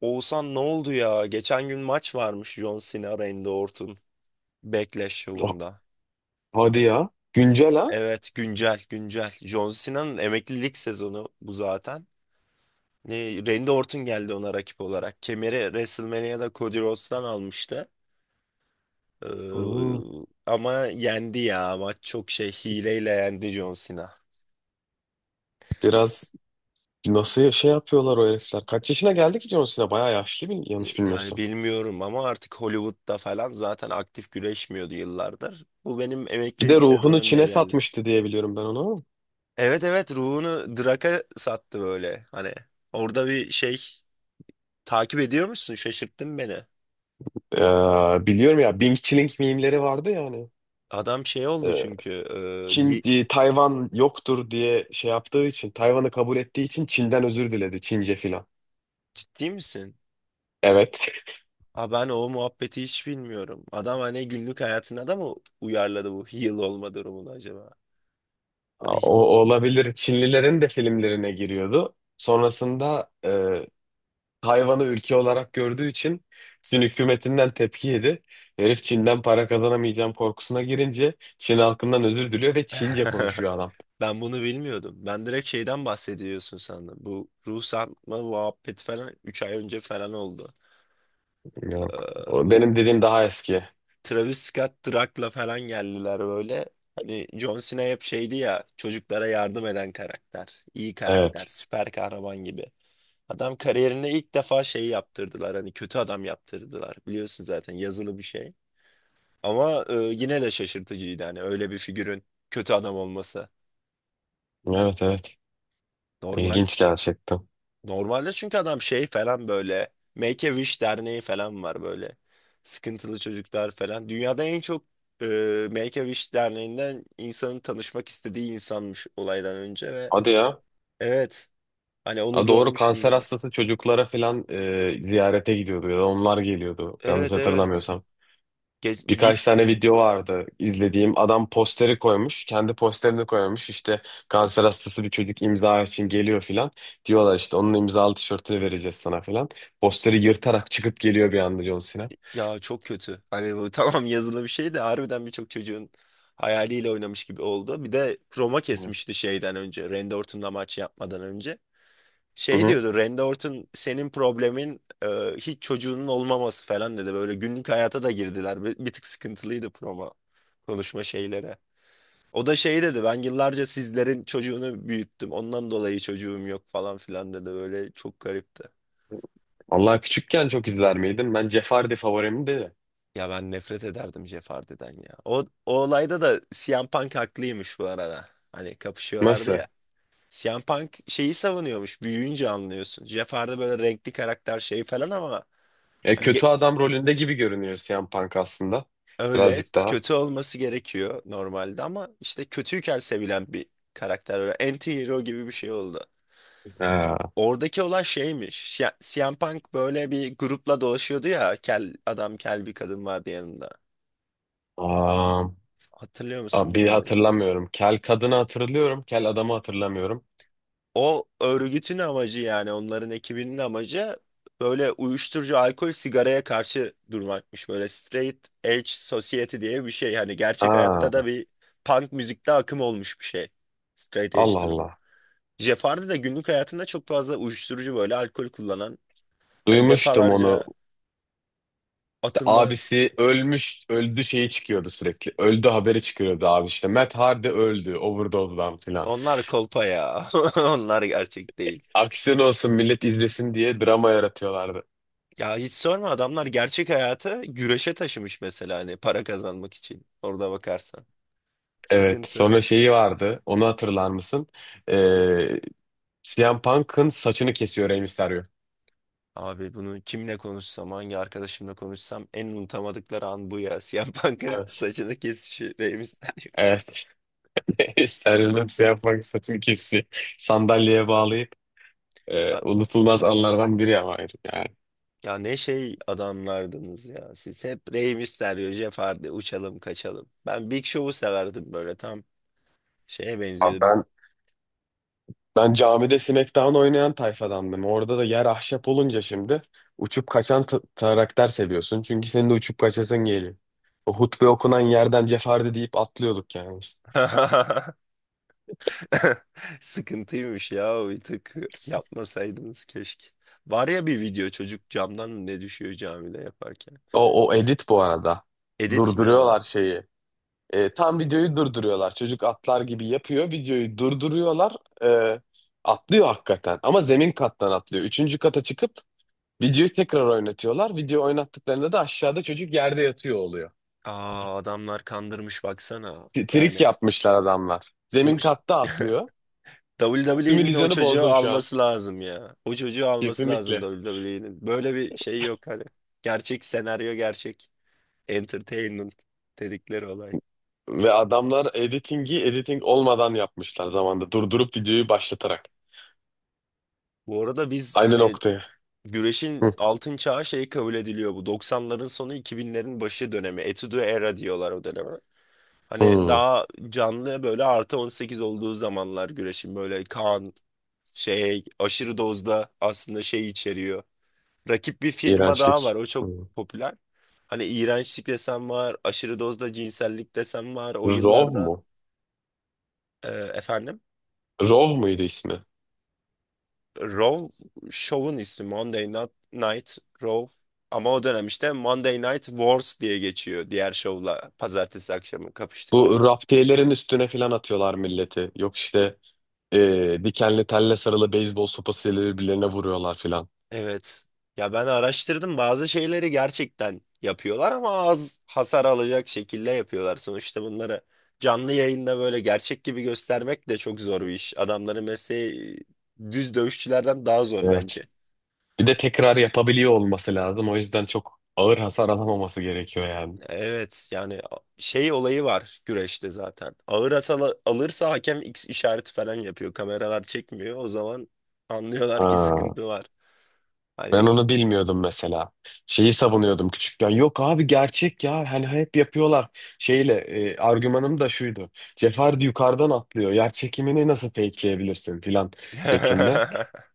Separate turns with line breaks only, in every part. Oğuzhan ne oldu ya? Geçen gün maç varmış John Cena Randy Orton Backlash
Ah,
şovunda.
hadi ya. Güncel ha?
Evet güncel güncel. John Cena'nın emeklilik sezonu bu zaten. Randy Orton geldi ona rakip olarak. Kemeri WrestleMania'da Cody Rhodes'tan almıştı. Ee,
Hmm.
ama yendi ya. Maç çok şey hileyle yendi John Cena.
Biraz şey yapıyorlar o herifler? Kaç yaşına geldi ki John Cena? Bayağı yaşlı yanlış
Yani
bilmiyorsam.
bilmiyorum ama artık Hollywood'da falan zaten aktif güreşmiyordu yıllardır. Bu benim
Bir de
emeklilik
ruhunu
sezonum diye
Çin'e
geldi.
satmıştı diye biliyorum ben onu.
Evet evet, ruhunu Drak'a sattı böyle. Hani orada bir şey takip ediyor musun, şaşırttın beni.
Biliyorum ya Bing Chilling mimleri vardı ya hani.
Adam şey oldu
Ee,
çünkü e, ye-
Tayvan yoktur diye şey yaptığı için, Tayvan'ı kabul ettiği için Çin'den özür diledi Çince filan.
ciddi misin?
Evet.
Ha, ben o muhabbeti hiç bilmiyorum. Adam hani günlük hayatına da mı uyarladı bu heal olma durumunu acaba? Hani
O olabilir. Çinlilerin de filmlerine giriyordu. Sonrasında Tayvan'ı ülke olarak gördüğü için Çin hükümetinden tepki yedi. Herif Çin'den para kazanamayacağım korkusuna girince Çin halkından özür diliyor ve Çince konuşuyor adam.
ben bunu bilmiyordum. Ben direkt şeyden bahsediyorsun sandım. Bu ruh satma muhabbeti falan 3 ay önce falan oldu.
Yok.
Ee,
O
bu.
benim dediğim daha eski.
Travis Scott Drak'la falan geldiler böyle. Hani John Cena hep şeydi ya, çocuklara yardım eden karakter. İyi karakter,
Evet.
süper kahraman gibi. Adam kariyerinde ilk defa şey yaptırdılar, hani kötü adam yaptırdılar. Biliyorsun zaten yazılı bir şey. Ama yine de şaşırtıcıydı hani öyle bir figürün kötü adam olması.
Evet, evet.
Normal
İlginç gerçekten.
Normalde çünkü adam şey falan böyle Make a Wish derneği falan var böyle. Sıkıntılı çocuklar falan. Dünyada en çok e, Make a Wish derneğinden insanın tanışmak istediği insanmış olaydan önce ve
Hadi ya.
evet, hani onu
Ha, doğru,
görmüştüm
kanser
yani.
hastası çocuklara filan ziyarete gidiyordu ya da onlar geliyordu. Yanlış
Evet evet.
hatırlamıyorsam.
Geç, bip,
Birkaç tane video vardı izlediğim. Adam posteri koymuş. Kendi posterini koymuş. İşte kanser hastası bir çocuk imza için geliyor filan. Diyorlar işte onun imzalı tişörtünü vereceğiz sana filan. Posteri yırtarak çıkıp geliyor bir anda John Cena.
ya çok kötü. Hani bu tamam, yazılı bir şey de harbiden birçok çocuğun hayaliyle oynamış gibi oldu. Bir de Roma
Hı
kesmişti şeyden önce. Randy Orton'la maç yapmadan önce. Şey
hı.
diyordu, Randy Orton senin problemin hiç çocuğunun olmaması falan dedi. Böyle günlük hayata da girdiler. Bir tık sıkıntılıydı promo konuşma şeylere. O da şey dedi, ben yıllarca sizlerin çocuğunu büyüttüm. Ondan dolayı çocuğum yok falan filan dedi. Böyle çok garipti.
Allah, küçükken çok izler miydin? Ben Jeopardy favorimdi de.
Ya ben nefret ederdim Jeff Hardy'den ya. O olayda da CM Punk haklıymış bu arada. Hani kapışıyorlardı
Nasıl?
ya. CM Punk şeyi savunuyormuş. Büyüyünce anlıyorsun. Jeff Hardy böyle renkli karakter şey falan ama
E,
Hani ge-
kötü adam rolünde gibi görünüyor Siyan Punk aslında.
öyle
Birazcık daha.
kötü olması gerekiyor normalde ama işte kötüyken sevilen bir karakter, öyle anti-hero gibi bir şey oldu.
Ha,
Oradaki olay şeymiş. Ya, CM Punk böyle bir grupla dolaşıyordu ya. Kel adam, kel bir kadın vardı yanında.
aa,
Hatırlıyor musun
aa, bir
bilmiyorum.
hatırlamıyorum. Kel kadını hatırlıyorum. Kel adamı hatırlamıyorum.
O örgütün amacı, yani onların ekibinin amacı böyle uyuşturucu, alkol, sigaraya karşı durmakmış. Böyle straight edge society diye bir şey. Hani gerçek hayatta da
Ha,
bir punk müzikte akım olmuş bir şey. Straight edge
Allah
durumu.
Allah.
Jeff Hardy de günlük hayatında çok fazla uyuşturucu böyle alkol kullanan. Hani
Duymuştum onu.
defalarca
İşte
atılma.
abisi ölmüş, öldü şeyi çıkıyordu sürekli. Öldü haberi çıkıyordu abi işte. Matt Hardy öldü, overdose'dan filan.
Onlar kolpa ya. Onlar gerçek değil.
Aksiyon olsun millet izlesin diye drama yaratıyorlardı.
Ya hiç sorma, adamlar gerçek hayatı güreşe taşımış mesela, hani para kazanmak için. Orada bakarsan.
Evet,
Sıkıntı.
sonra şeyi vardı. Onu hatırlar mısın? Ee, CM Punk'ın saçını kesiyor Rey Mysterio.
Abi bunu kimle konuşsam, hangi arkadaşımla konuşsam en unutamadıkları an bu ya. Siyah Punk'ın
Evet.
saçını kesişi Rey Mysterio.
Evet. Steriliniz yapmak saçım kesici. Sandalyeye bağlayıp unutulmaz anlardan biri ama herif yani.
Ya ne şey adamlardınız ya. Siz hep Rey Mysterio, Jeff Hardy, uçalım kaçalım. Ben Big Show'u severdim, böyle tam şeye
Abi
benziyordu.
ben camide Smackdown oynayan tayfadandım. Orada da yer ahşap olunca şimdi uçup kaçan karakter seviyorsun. Çünkü senin de uçup kaçasın geliyor. O hutbe okunan yerden cefardı deyip atlıyorduk yani, biz.
Sıkıntıymış ya, bir tık yapmasaydınız keşke. Var ya bir video, çocuk camdan ne düşüyor camide yaparken.
O edit bu arada.
Edit mi o?
Durduruyorlar şeyi. Tam videoyu durduruyorlar. Çocuk atlar gibi yapıyor. Videoyu durduruyorlar. E, atlıyor hakikaten. Ama zemin kattan atlıyor. Üçüncü kata çıkıp videoyu tekrar oynatıyorlar. Video oynattıklarında da aşağıda çocuk yerde yatıyor oluyor.
Aa, adamlar kandırmış baksana.
Trik
Yani
yapmışlar adamlar.
bunu
Zemin katta atlıyor.
WWE'nin o
Simülasyonu
çocuğu
bozdum şu an.
alması lazım ya. O çocuğu alması lazım
Kesinlikle.
WWE'nin. Böyle bir şey yok hani. Gerçek senaryo, gerçek entertainment dedikleri olay.
Ve adamlar editingi editing olmadan yapmışlar zamanda. Durdurup videoyu başlatarak.
Bu arada biz
Aynı
hani
noktaya.
güreşin
Hı.
altın çağı şey kabul ediliyor bu. 90'ların sonu 2000'lerin başı dönemi. Etudo era diyorlar o döneme. Hani
Hmm,
daha canlı, böyle artı 18 olduğu zamanlar, güreşin böyle kan şey aşırı dozda aslında şey içeriyor. Rakip bir firma daha var.
iğrençlik.
O çok
Hmm.
popüler. Hani iğrençlik desem var, aşırı dozda cinsellik desem var. O
Rov
yıllarda
mu?
efendim
Rov muydu ismi?
Raw Show'un ismi Monday Night, Night Raw. Ama o dönem işte Monday Night Wars diye geçiyor, diğer şovla pazartesi akşamı kapıştıkları
Bu
için.
raftiyelerin üstüne filan atıyorlar milleti. Yok işte dikenli telle sarılı beyzbol sopasıyla birbirlerine vuruyorlar filan.
Evet. Ya ben araştırdım, bazı şeyleri gerçekten yapıyorlar ama az hasar alacak şekilde yapıyorlar. Sonuçta bunları canlı yayında böyle gerçek gibi göstermek de çok zor bir iş. Adamların mesleği düz dövüşçülerden daha zor
Evet.
bence.
Bir de tekrar yapabiliyor olması lazım. O yüzden çok ağır hasar alamaması gerekiyor yani.
Evet yani şey olayı var güreşte zaten. Ağır hasar alırsa hakem X işareti falan yapıyor. Kameralar çekmiyor. O zaman anlıyorlar ki
Ha,
sıkıntı var.
ben
Hani
onu bilmiyordum mesela. Şeyi savunuyordum küçükken. Yok abi, gerçek ya. Hani hep yapıyorlar. Şeyle argümanım da şuydu. Cefer yukarıdan atlıyor. Yer çekimini nasıl fakeleyebilirsin filan şeklinde.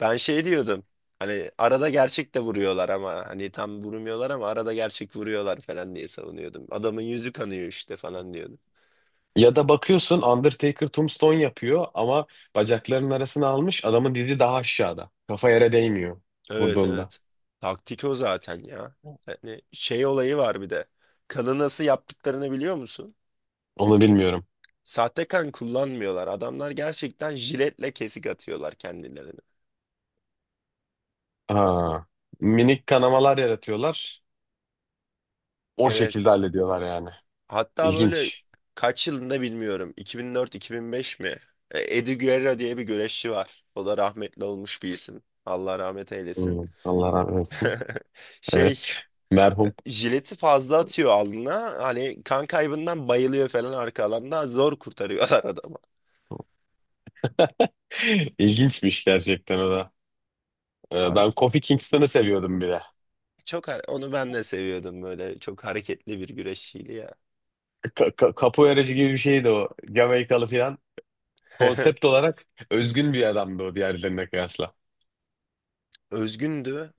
ben şey diyordum. Hani arada gerçek de vuruyorlar ama hani tam vurmuyorlar ama arada gerçek vuruyorlar falan diye savunuyordum. Adamın yüzü kanıyor işte falan diyordum.
Ya da bakıyorsun Undertaker tombstone yapıyor ama bacaklarının arasına almış adamın, dili daha aşağıda. Kafa yere değmiyor
Evet
vurduğunda.
evet. Taktik o zaten ya. Hani şey olayı var bir de. Kanı nasıl yaptıklarını biliyor musun?
Onu bilmiyorum.
Sahte kan kullanmıyorlar. Adamlar gerçekten jiletle kesik atıyorlar kendilerini.
Aa, minik kanamalar yaratıyorlar. O
Evet.
şekilde hallediyorlar yani.
Hatta böyle
İlginç.
kaç yılında bilmiyorum, 2004-2005 mi? Eddie Guerrero diye bir güreşçi var. O da rahmetli olmuş bir isim. Allah rahmet eylesin.
Hmm, Allah rahmet eylesin.
Şey
Evet. Merhum.
jileti fazla atıyor alnına. Hani kan kaybından bayılıyor falan arka alanda. Zor kurtarıyorlar adamı.
İlginçmiş gerçekten o da.
Abi,
Ben Kofi Kingston'ı seviyordum bir de.
onu ben de seviyordum böyle. Çok hareketli bir güreşçiydi ya.
Capoeiracı gibi bir şeydi o. Jamaikalı falan. Konsept olarak özgün bir adamdı o, diğerlerine kıyasla.
Özgündü.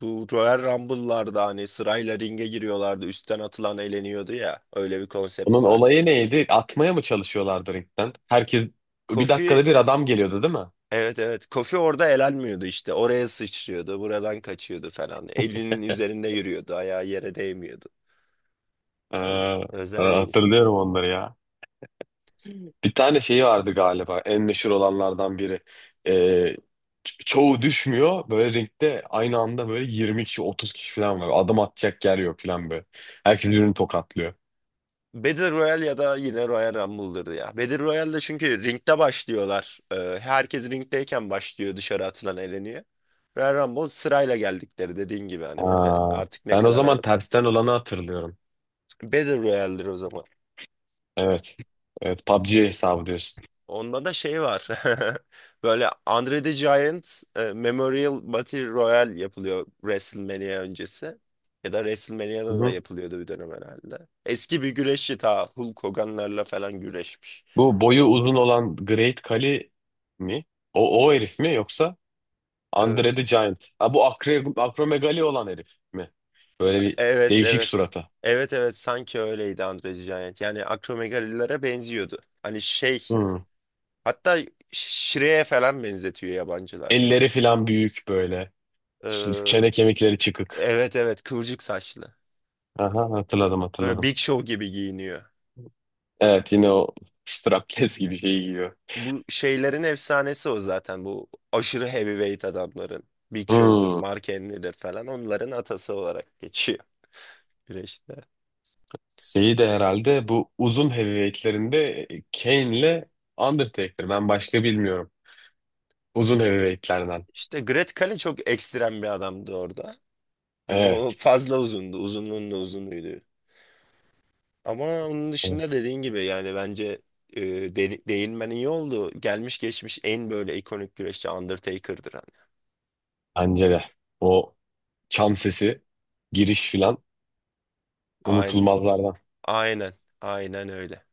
Bu Royal Rumble'larda hani sırayla ringe giriyorlardı. Üstten atılan eğleniyordu ya. Öyle bir konsept
Onun
vardı.
olayı neydi? Atmaya mı çalışıyorlardı ringden? Herkes bir
Kofi,
dakikada bir adam geliyordu değil mi?
evet evet, Kofi orada elenmiyordu, işte oraya sıçrıyordu, buradan kaçıyordu falan. Elvin'in üzerinde yürüyordu, ayağı yere değmiyordu.
Ee,
Öz-
e,
özel bir insan.
hatırlıyorum onları ya. Bir tane şeyi vardı galiba, en meşhur olanlardan biri. Ee, çoğu düşmüyor. Böyle ringde aynı anda böyle 20 kişi 30 kişi falan var. Adım atacak yer yok falan böyle. Herkes birbirini tokatlıyor.
Battle Royale ya da yine Royal Rumble'dır ya. Battle Royale'de çünkü ringde başlıyorlar. Herkes ringdeyken başlıyor, dışarı atılan eleniyor. Royal Rumble sırayla geldikleri, dediğin gibi, hani böyle
Aa,
artık ne
ben o
kadar
zaman tersten olanı hatırlıyorum.
Battle Royale'dir o zaman.
Evet. Evet, PUBG hesabı diyorsun.
Onda da şey var. Böyle Andre the Giant Memorial Battle Royale yapılıyor WrestleMania öncesi. Ya da WrestleMania'da da
Hı.
yapılıyordu bir dönem herhalde. Eski bir güreşçi, ta Hulk Hogan'larla falan güreşmiş.
Bu boyu uzun olan Great Kali mi? O herif mi, yoksa
Ee,
Andre the Giant? Ha, bu akromegali olan herif mi? Böyle bir
evet
değişik
evet.
surata.
Evet evet, sanki öyleydi Andre the Giant. Yani akromegalilere benziyordu. Hani şey,
Hmm.
hatta Shrek'e falan benzetiyor yabancılar.
Elleri filan büyük böyle.
Ee,
Çene kemikleri çıkık.
evet evet, kıvırcık saçlı.
Aha, hatırladım
Böyle
hatırladım.
Big Show gibi giyiniyor.
Evet, yine o strapless gibi şeyi giyiyor.
Bu şeylerin efsanesi o zaten. Bu aşırı heavyweight adamların. Big Show'dur,
Hmm.
Mark Henry'dir falan. Onların atası olarak geçiyor güreşte.
Şeyi de herhalde bu uzun heavyweightlerinde Kane'le Undertaker. Ben başka bilmiyorum. Uzun heavyweightlerden.
İşte Great Khali çok ekstrem bir adamdı orada. Hani o
Evet.
fazla uzundu. Uzunluğun da uzunuydu. Ama onun
Evet.
dışında, dediğin gibi, yani bence e, değinmen iyi oldu. Gelmiş geçmiş en böyle ikonik güreşçi Undertaker'dır. Hani.
Bence de. O çan sesi, giriş filan
Aynen,
unutulmazlardan.
aynen, aynen öyle.